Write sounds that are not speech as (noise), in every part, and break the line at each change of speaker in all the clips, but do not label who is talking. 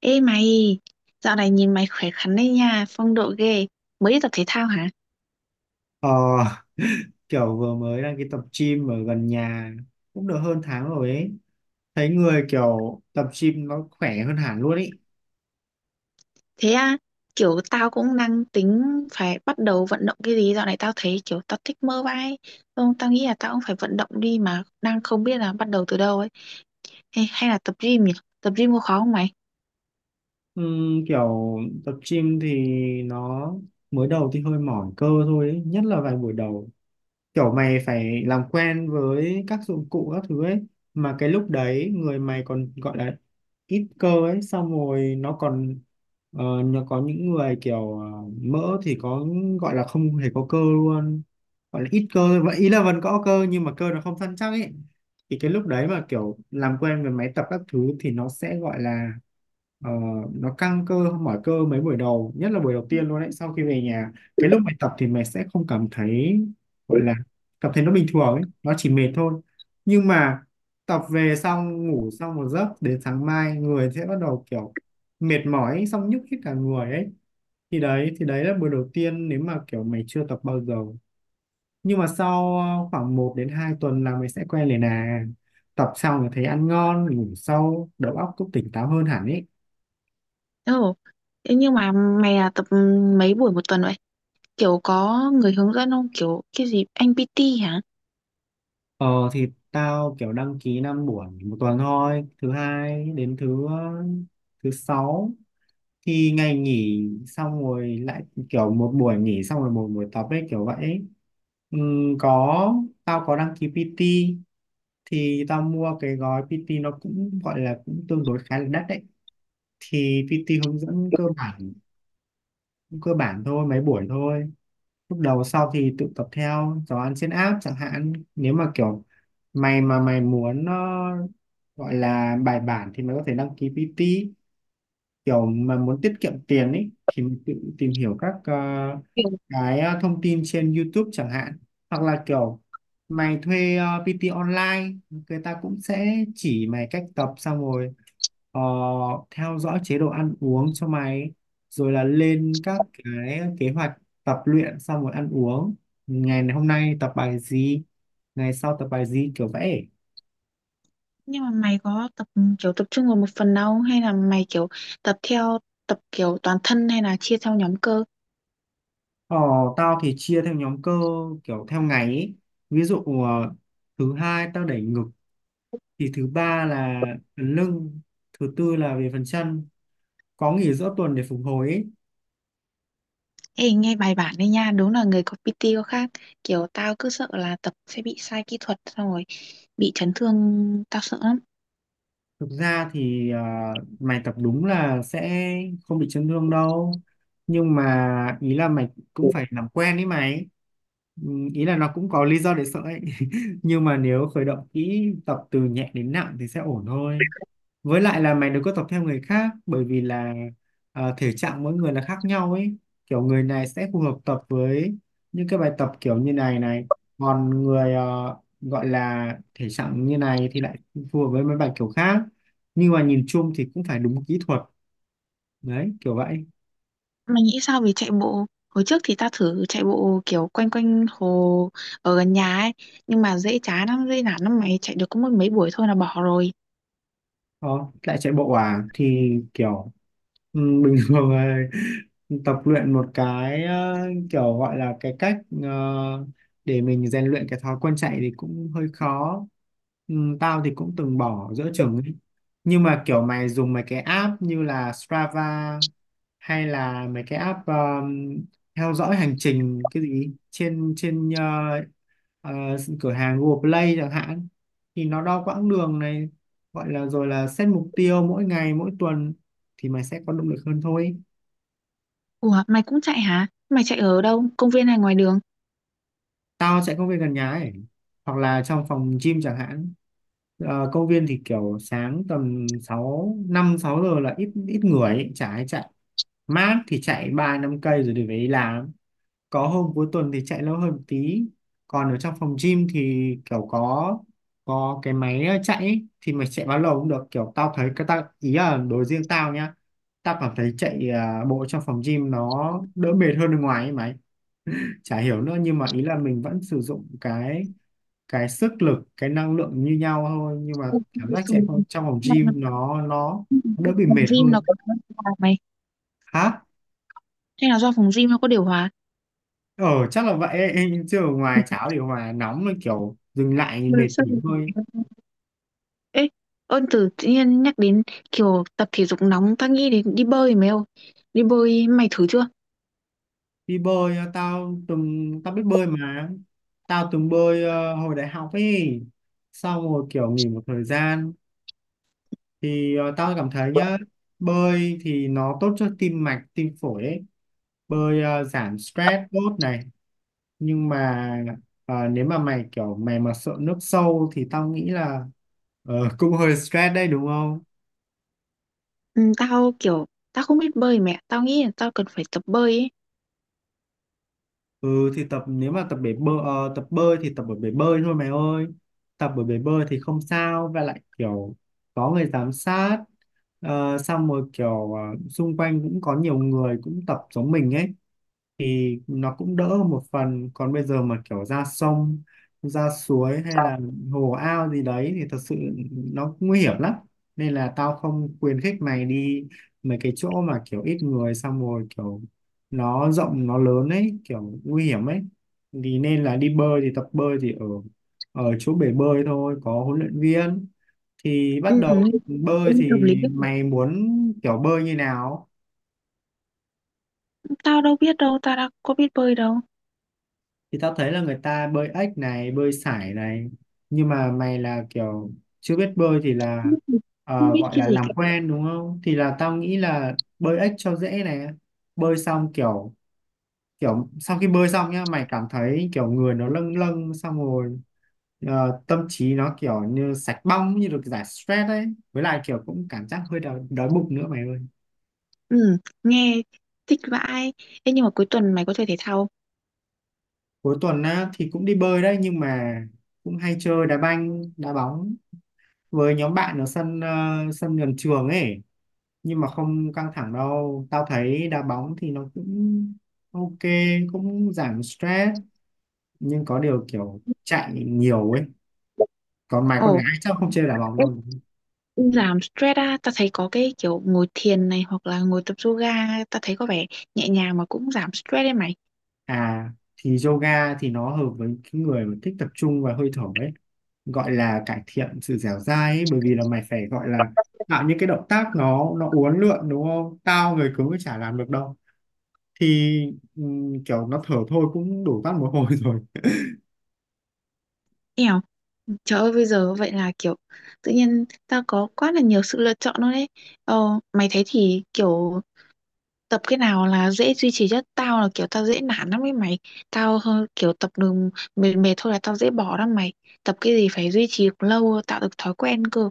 Ê mày, dạo này nhìn mày khỏe khoắn đấy nha, phong độ ghê. Mới đi tập thể thao hả?
Ờ, (laughs) kiểu vừa mới đăng ký tập gym ở gần nhà cũng được hơn tháng rồi ấy. Thấy người kiểu tập gym nó khỏe hơn hẳn luôn ấy.
Thế à, kiểu tao cũng đang tính phải bắt đầu vận động cái gì. Dạo này tao thấy kiểu tao thích mơ vai. Không, tao nghĩ là tao cũng phải vận động đi mà đang không biết là bắt đầu từ đâu ấy. Hay là tập gym nhỉ? Tập gym có khó không mày?
Kiểu tập gym thì nó mới đầu thì hơi mỏi cơ thôi ấy. Nhất là vài buổi đầu kiểu mày phải làm quen với các dụng cụ các thứ ấy, mà cái lúc đấy người mày còn gọi là ít cơ ấy, xong rồi nó còn nó có những người kiểu mỡ thì có, gọi là không hề có cơ luôn, gọi là ít cơ thôi. Vậy ý là vẫn có cơ nhưng mà cơ nó không săn chắc ấy, thì cái lúc đấy mà kiểu làm quen với máy tập các thứ thì nó sẽ gọi là ờ, nó căng cơ mỏi cơ mấy buổi đầu, nhất là buổi đầu tiên luôn đấy, sau khi về nhà. Cái lúc mày tập thì mày sẽ không cảm thấy, gọi là cảm thấy nó bình thường ấy, nó chỉ mệt thôi, nhưng mà tập về xong ngủ xong một giấc đến sáng mai người sẽ bắt đầu kiểu mệt mỏi ấy, xong nhức hết cả người ấy, thì đấy là buổi đầu tiên nếu mà kiểu mày chưa tập bao giờ. Nhưng mà sau khoảng một đến 2 tuần là mày sẽ quen liền à, tập xong thì thấy ăn ngon ngủ sâu đầu óc cũng tỉnh táo hơn hẳn ấy.
Ồ, thế nhưng mà mày là tập mấy buổi một tuần vậy? Kiểu có người hướng dẫn không? Kiểu cái gì, anh PT hả?
Ờ thì tao kiểu đăng ký 5 buổi một tuần thôi, thứ hai đến thứ sáu. Thì ngày nghỉ xong rồi lại kiểu một buổi nghỉ xong rồi một buổi tập ấy kiểu vậy ấy. Có, tao có đăng ký PT, thì tao mua cái gói PT nó cũng gọi là cũng tương đối khá là đắt đấy. Thì PT hướng dẫn cơ bản, cơ bản thôi mấy buổi thôi lúc đầu, sau thì tự tập theo giáo án trên app chẳng hạn. Nếu mà kiểu mày mà mày muốn gọi là bài bản thì mày có thể đăng ký PT, kiểu mà muốn tiết kiệm tiền ấy thì mình tự tìm hiểu các cái thông tin trên YouTube chẳng hạn, hoặc là kiểu mày thuê PT online, người ta cũng sẽ chỉ mày cách tập xong rồi ờ, theo dõi chế độ ăn uống cho mày, rồi là lên các cái kế hoạch tập luyện xong rồi ăn uống, ngày hôm nay tập bài gì, ngày sau tập bài gì, kiểu vậy.
Nhưng mà mày có tập kiểu tập trung vào một phần đâu hay là mày kiểu tập theo tập kiểu toàn thân hay là chia theo nhóm cơ?
Ờ, tao thì chia theo nhóm cơ kiểu theo ngày ấy. Ví dụ thứ hai tao đẩy ngực, thì thứ ba là phần lưng, thứ tư là về phần chân, có nghỉ giữa tuần để phục hồi ấy.
Ê nghe bài bản đấy nha, đúng là người có PT có khác. Kiểu tao cứ sợ là tập sẽ bị sai kỹ thuật xong rồi bị chấn thương, tao sợ lắm.
Thực ra thì mày tập đúng là sẽ không bị chấn thương đâu, nhưng mà ý là mày cũng phải làm quen ấy mày. Ừ, ý là nó cũng có lý do để sợ ấy (laughs) nhưng mà nếu khởi động kỹ tập từ nhẹ đến nặng thì sẽ ổn thôi, với lại là mày đừng có tập theo người khác, bởi vì là thể trạng mỗi người là khác nhau ấy, kiểu người này sẽ phù hợp tập với những cái bài tập kiểu như này này, còn người gọi là thể trạng như này thì lại phù hợp với mấy bài kiểu khác, nhưng mà nhìn chung thì cũng phải đúng kỹ thuật đấy kiểu vậy.
Mày nghĩ sao về chạy bộ? Hồi trước thì tao thử chạy bộ kiểu quanh quanh hồ ở gần nhà ấy, nhưng mà dễ chán lắm, dễ nản lắm mày chạy được có mỗi mấy buổi thôi là bỏ rồi.
Đó, lại chạy bộ à thì kiểu bình (laughs) thường là tập luyện một cái kiểu gọi là cái cách ờ, để mình rèn luyện cái thói quen chạy thì cũng hơi khó. ừ, Tao thì cũng từng bỏ giữa chừng ấy. Nhưng mà kiểu mày dùng mấy cái app như là Strava hay là mấy cái app theo dõi hành trình cái gì trên trên ờ, ờ, cửa hàng Google Play chẳng hạn, thì nó đo quãng đường này, gọi là rồi là set mục tiêu mỗi ngày mỗi tuần thì mày sẽ có động lực hơn thôi.
Ủa, mày cũng chạy hả? Mày chạy ở đâu? Công viên hay ngoài đường?
Tao chạy công viên gần nhà ấy, hoặc là trong phòng gym chẳng hạn. Công viên thì kiểu sáng tầm năm sáu giờ là ít ít người ấy, chả ai chạy. Mát thì chạy 3 5 cây rồi đi về đi làm, có hôm cuối tuần thì chạy lâu hơn một tí. Còn ở trong phòng gym thì kiểu có cái máy chạy ấy, thì mày chạy bao lâu cũng được, kiểu tao thấy cái tao ý là đối riêng tao nhá, tao cảm thấy chạy bộ trong phòng gym nó đỡ mệt hơn bên ngoài ấy mày, chả hiểu nữa, nhưng mà ý là mình vẫn sử dụng cái sức lực cái năng lượng như nhau thôi, nhưng mà
Ừ,
cảm giác
xong
chạy trong phòng
rồi.
gym nó
Ừm,
đỡ bị
Phòng
mệt
gym
hơn.
nó có điều hòa mày?
Hả?
Hay là do phòng gym nó có điều hòa?
Ờ chắc là vậy (laughs) ấy. Chứ ở ngoài cháo thì hòa nóng là kiểu dừng lại thì
Ừ,
mệt
sao
nghỉ
mình không
thôi.
biết? Ê, ơn từ tự nhiên nhắc đến kiểu tập thể dục nóng tao nghĩ đến đi bơi mày ơi, đi bơi mày thử chưa?
Đi bơi, tao biết bơi mà, tao từng bơi hồi đại học ấy, xong rồi kiểu nghỉ một thời gian. Thì tao cảm thấy nhá, bơi thì nó tốt cho tim mạch tim phổi ấy, bơi giảm stress tốt này, nhưng mà nếu mà mày kiểu mày mà sợ nước sâu thì tao nghĩ là (laughs) cũng hơi stress đấy đúng không.
Ừ, tao kiểu tao không biết bơi mẹ tao nghĩ là tao cần phải tập bơi ấy.
Ừ thì tập, nếu mà tập bơi thì tập ở bể bơi thôi mày ơi. Tập ở bể bơi thì không sao, và lại kiểu có người giám sát. Xong rồi kiểu xung quanh cũng có nhiều người cũng tập giống mình ấy, thì nó cũng đỡ hơn một phần, còn bây giờ mà kiểu ra sông ra suối hay
Sao?
là hồ ao gì đấy thì thật sự nó nguy hiểm lắm, nên là tao không khuyến khích mày đi mấy cái chỗ mà kiểu ít người xong rồi kiểu nó rộng nó lớn ấy, kiểu nguy hiểm ấy. Thì nên là đi bơi thì tập bơi thì ở ở chỗ bể bơi thôi, có huấn luyện viên. Thì
Ừ,
bắt đầu bơi
nên tập
thì
lý
mày muốn kiểu bơi như nào,
tao đâu biết đâu tao đã có biết bơi đâu.
thì tao thấy là người ta bơi ếch này, bơi sải này, nhưng mà mày là kiểu chưa biết bơi thì
Không
là
biết, không biết
gọi
cái
là
gì
làm
cả.
quen đúng không, thì là tao nghĩ là bơi ếch cho dễ này. Bơi xong kiểu, kiểu sau khi bơi xong nhá mày cảm thấy kiểu người nó lâng lâng, xong rồi tâm trí nó kiểu như sạch bong, như được giải stress ấy, với lại kiểu cũng cảm giác hơi đói bụng nữa mày ơi.
Ừ, nghe thích vãi. Ê, nhưng mà cuối tuần mày có chơi thể thao
Cuối tuần á thì cũng đi bơi đấy, nhưng mà cũng hay chơi đá banh đá bóng với nhóm bạn ở sân gần trường ấy, nhưng mà không căng thẳng đâu, tao thấy đá bóng thì nó cũng ok, cũng giảm stress, nhưng có điều kiểu chạy nhiều ấy,
không?
còn mày con
Ồ.
gái chắc không chơi đá bóng đâu.
Giảm stress á, ta thấy có cái kiểu ngồi thiền này hoặc là ngồi tập yoga, ta thấy có vẻ nhẹ nhàng mà cũng giảm stress đấy mày.
À, thì yoga thì nó hợp với cái người mà thích tập trung và hơi thở ấy, gọi là cải thiện sự dẻo dai ấy, bởi vì là mày phải gọi là tạo những cái động tác nó uốn lượn đúng không, tao người cứng thì chả làm được đâu, thì kiểu nó thở thôi cũng đủ tắt một hồi (laughs) rồi.
Eo, trời ơi bây giờ vậy là kiểu tự nhiên ta có quá là nhiều sự lựa chọn luôn đấy. Ờ, mày thấy thì kiểu tập cái nào là dễ duy trì nhất? Tao là kiểu tao dễ nản lắm ấy mày. Tao hơi kiểu tập đường mệt mệt thôi là tao dễ bỏ lắm mày. Tập cái gì phải duy trì lâu tạo được thói quen cơ.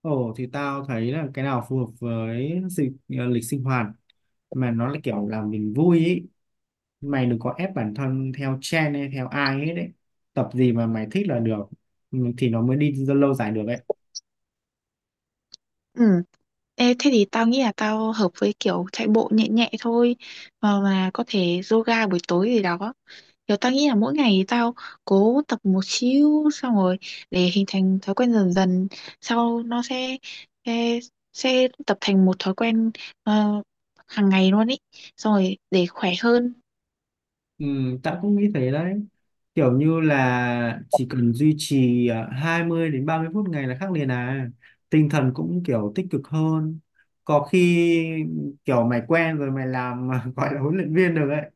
Ồ thì tao thấy là cái nào phù hợp với lịch sinh hoạt, mà nó là kiểu làm mình vui ý, mày đừng có ép bản thân theo trend hay theo ai hết đấy, tập gì mà mày thích là được, ừ, thì nó mới đi lâu dài được ấy.
Ừ. Ê, thế thì tao nghĩ là tao hợp với kiểu chạy bộ nhẹ nhẹ thôi mà có thể yoga buổi tối gì đó. Kiểu tao nghĩ là mỗi ngày thì tao cố tập một xíu xong rồi để hình thành thói quen dần dần sau nó sẽ sẽ, sẽ tập thành một thói quen ờ, hàng ngày luôn ý xong rồi để khỏe hơn.
Ừ, tao cũng nghĩ thế đấy, kiểu như là chỉ cần duy trì 20 đến 30 phút ngày là khác liền à, tinh thần cũng kiểu tích cực hơn, có khi kiểu mày quen rồi mày làm (laughs) gọi là huấn luyện viên được ấy.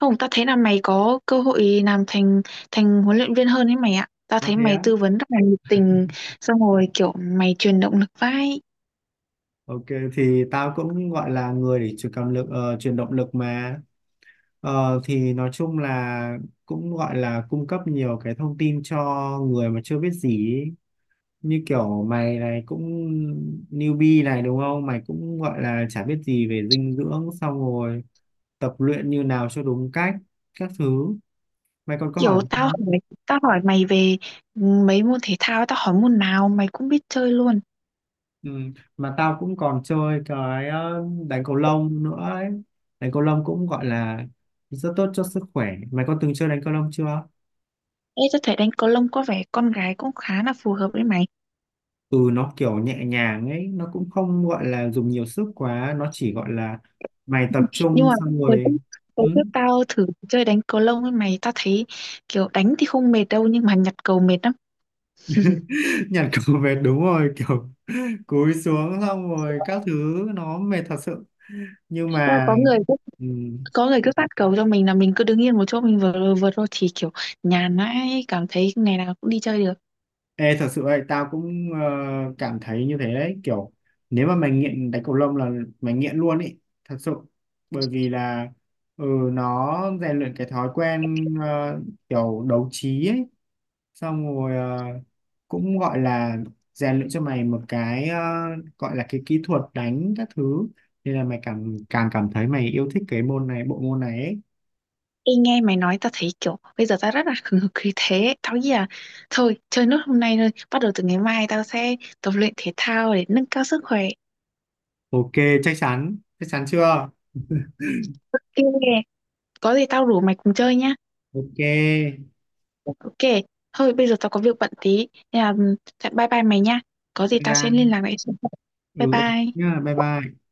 Không, tao thấy là mày có cơ hội làm thành thành huấn luyện viên hơn ấy mày ạ. Tao
À
thấy
thế
mày
á.
tư vấn rất là nhiệt tình xong rồi kiểu mày truyền động lực vai.
Ok, thì tao cũng gọi là người để truyền động lực mà. Thì nói chung là cũng gọi là cung cấp nhiều cái thông tin cho người mà chưa biết gì ý, như kiểu mày này cũng newbie này đúng không, mày cũng gọi là chả biết gì về dinh dưỡng xong rồi tập luyện như nào cho đúng cách các thứ. Mày còn có
Kiểu
hỏi gì
tao
không?
hỏi, Tao hỏi mày về mấy môn thể thao, tao hỏi môn nào mày cũng biết chơi luôn.
Ừ, mà tao cũng còn chơi cái đánh cầu lông nữa ấy, đánh cầu lông cũng gọi là rất tốt cho sức khỏe. Mày có từng chơi đánh cầu lông chưa?
Ê, tao thấy đánh cầu lông có vẻ con gái cũng khá là phù hợp với mày.
Ừ, nó kiểu nhẹ nhàng ấy, nó cũng không gọi là dùng nhiều sức quá, nó chỉ gọi là mày tập
Nhưng
trung
mà
xong
hồi trước,
rồi. Ừ.
hồi trước tao thử chơi đánh cầu lông với mày, tao thấy kiểu đánh thì không mệt đâu nhưng mà nhặt cầu mệt lắm.
(laughs) Nhặt cầu về đúng rồi, kiểu cúi xuống xong rồi các thứ nó mệt thật sự, nhưng
Thế là
mà
có người cứ,
ừ.
có người cứ phát cầu cho mình là mình cứ đứng yên một chỗ mình vừa vượt thôi thì kiểu nhàn ấy, cảm thấy ngày nào cũng đi chơi được.
Ê, thật sự ấy, tao cũng cảm thấy như thế đấy, kiểu nếu mà mày nghiện đánh cầu lông là mày nghiện luôn ý, thật sự, bởi vì là ừ, nó rèn luyện cái thói quen kiểu đấu trí ấy, xong rồi cũng gọi là rèn luyện cho mày một cái gọi là cái kỹ thuật đánh các thứ, nên là mày càng càng cảm thấy mày yêu thích cái môn này bộ môn này ấy.
Ê, nghe mày nói tao thấy kiểu bây giờ tao rất là hừng hực khí thế tao nghĩ là thôi chơi nốt hôm nay thôi bắt đầu từ ngày mai tao sẽ tập luyện thể thao để nâng cao sức khỏe.
Ok, chắc chắn chưa?
Ok, có gì tao rủ mày cùng chơi nhá.
Ok, bye
Ok, thôi bây giờ tao có việc bận tí nên là ừ, bye bye mày nha, có gì tao sẽ liên
bye.
lạc lại sau. Bye
Ừ, ok
bye.
nhá, bye bye.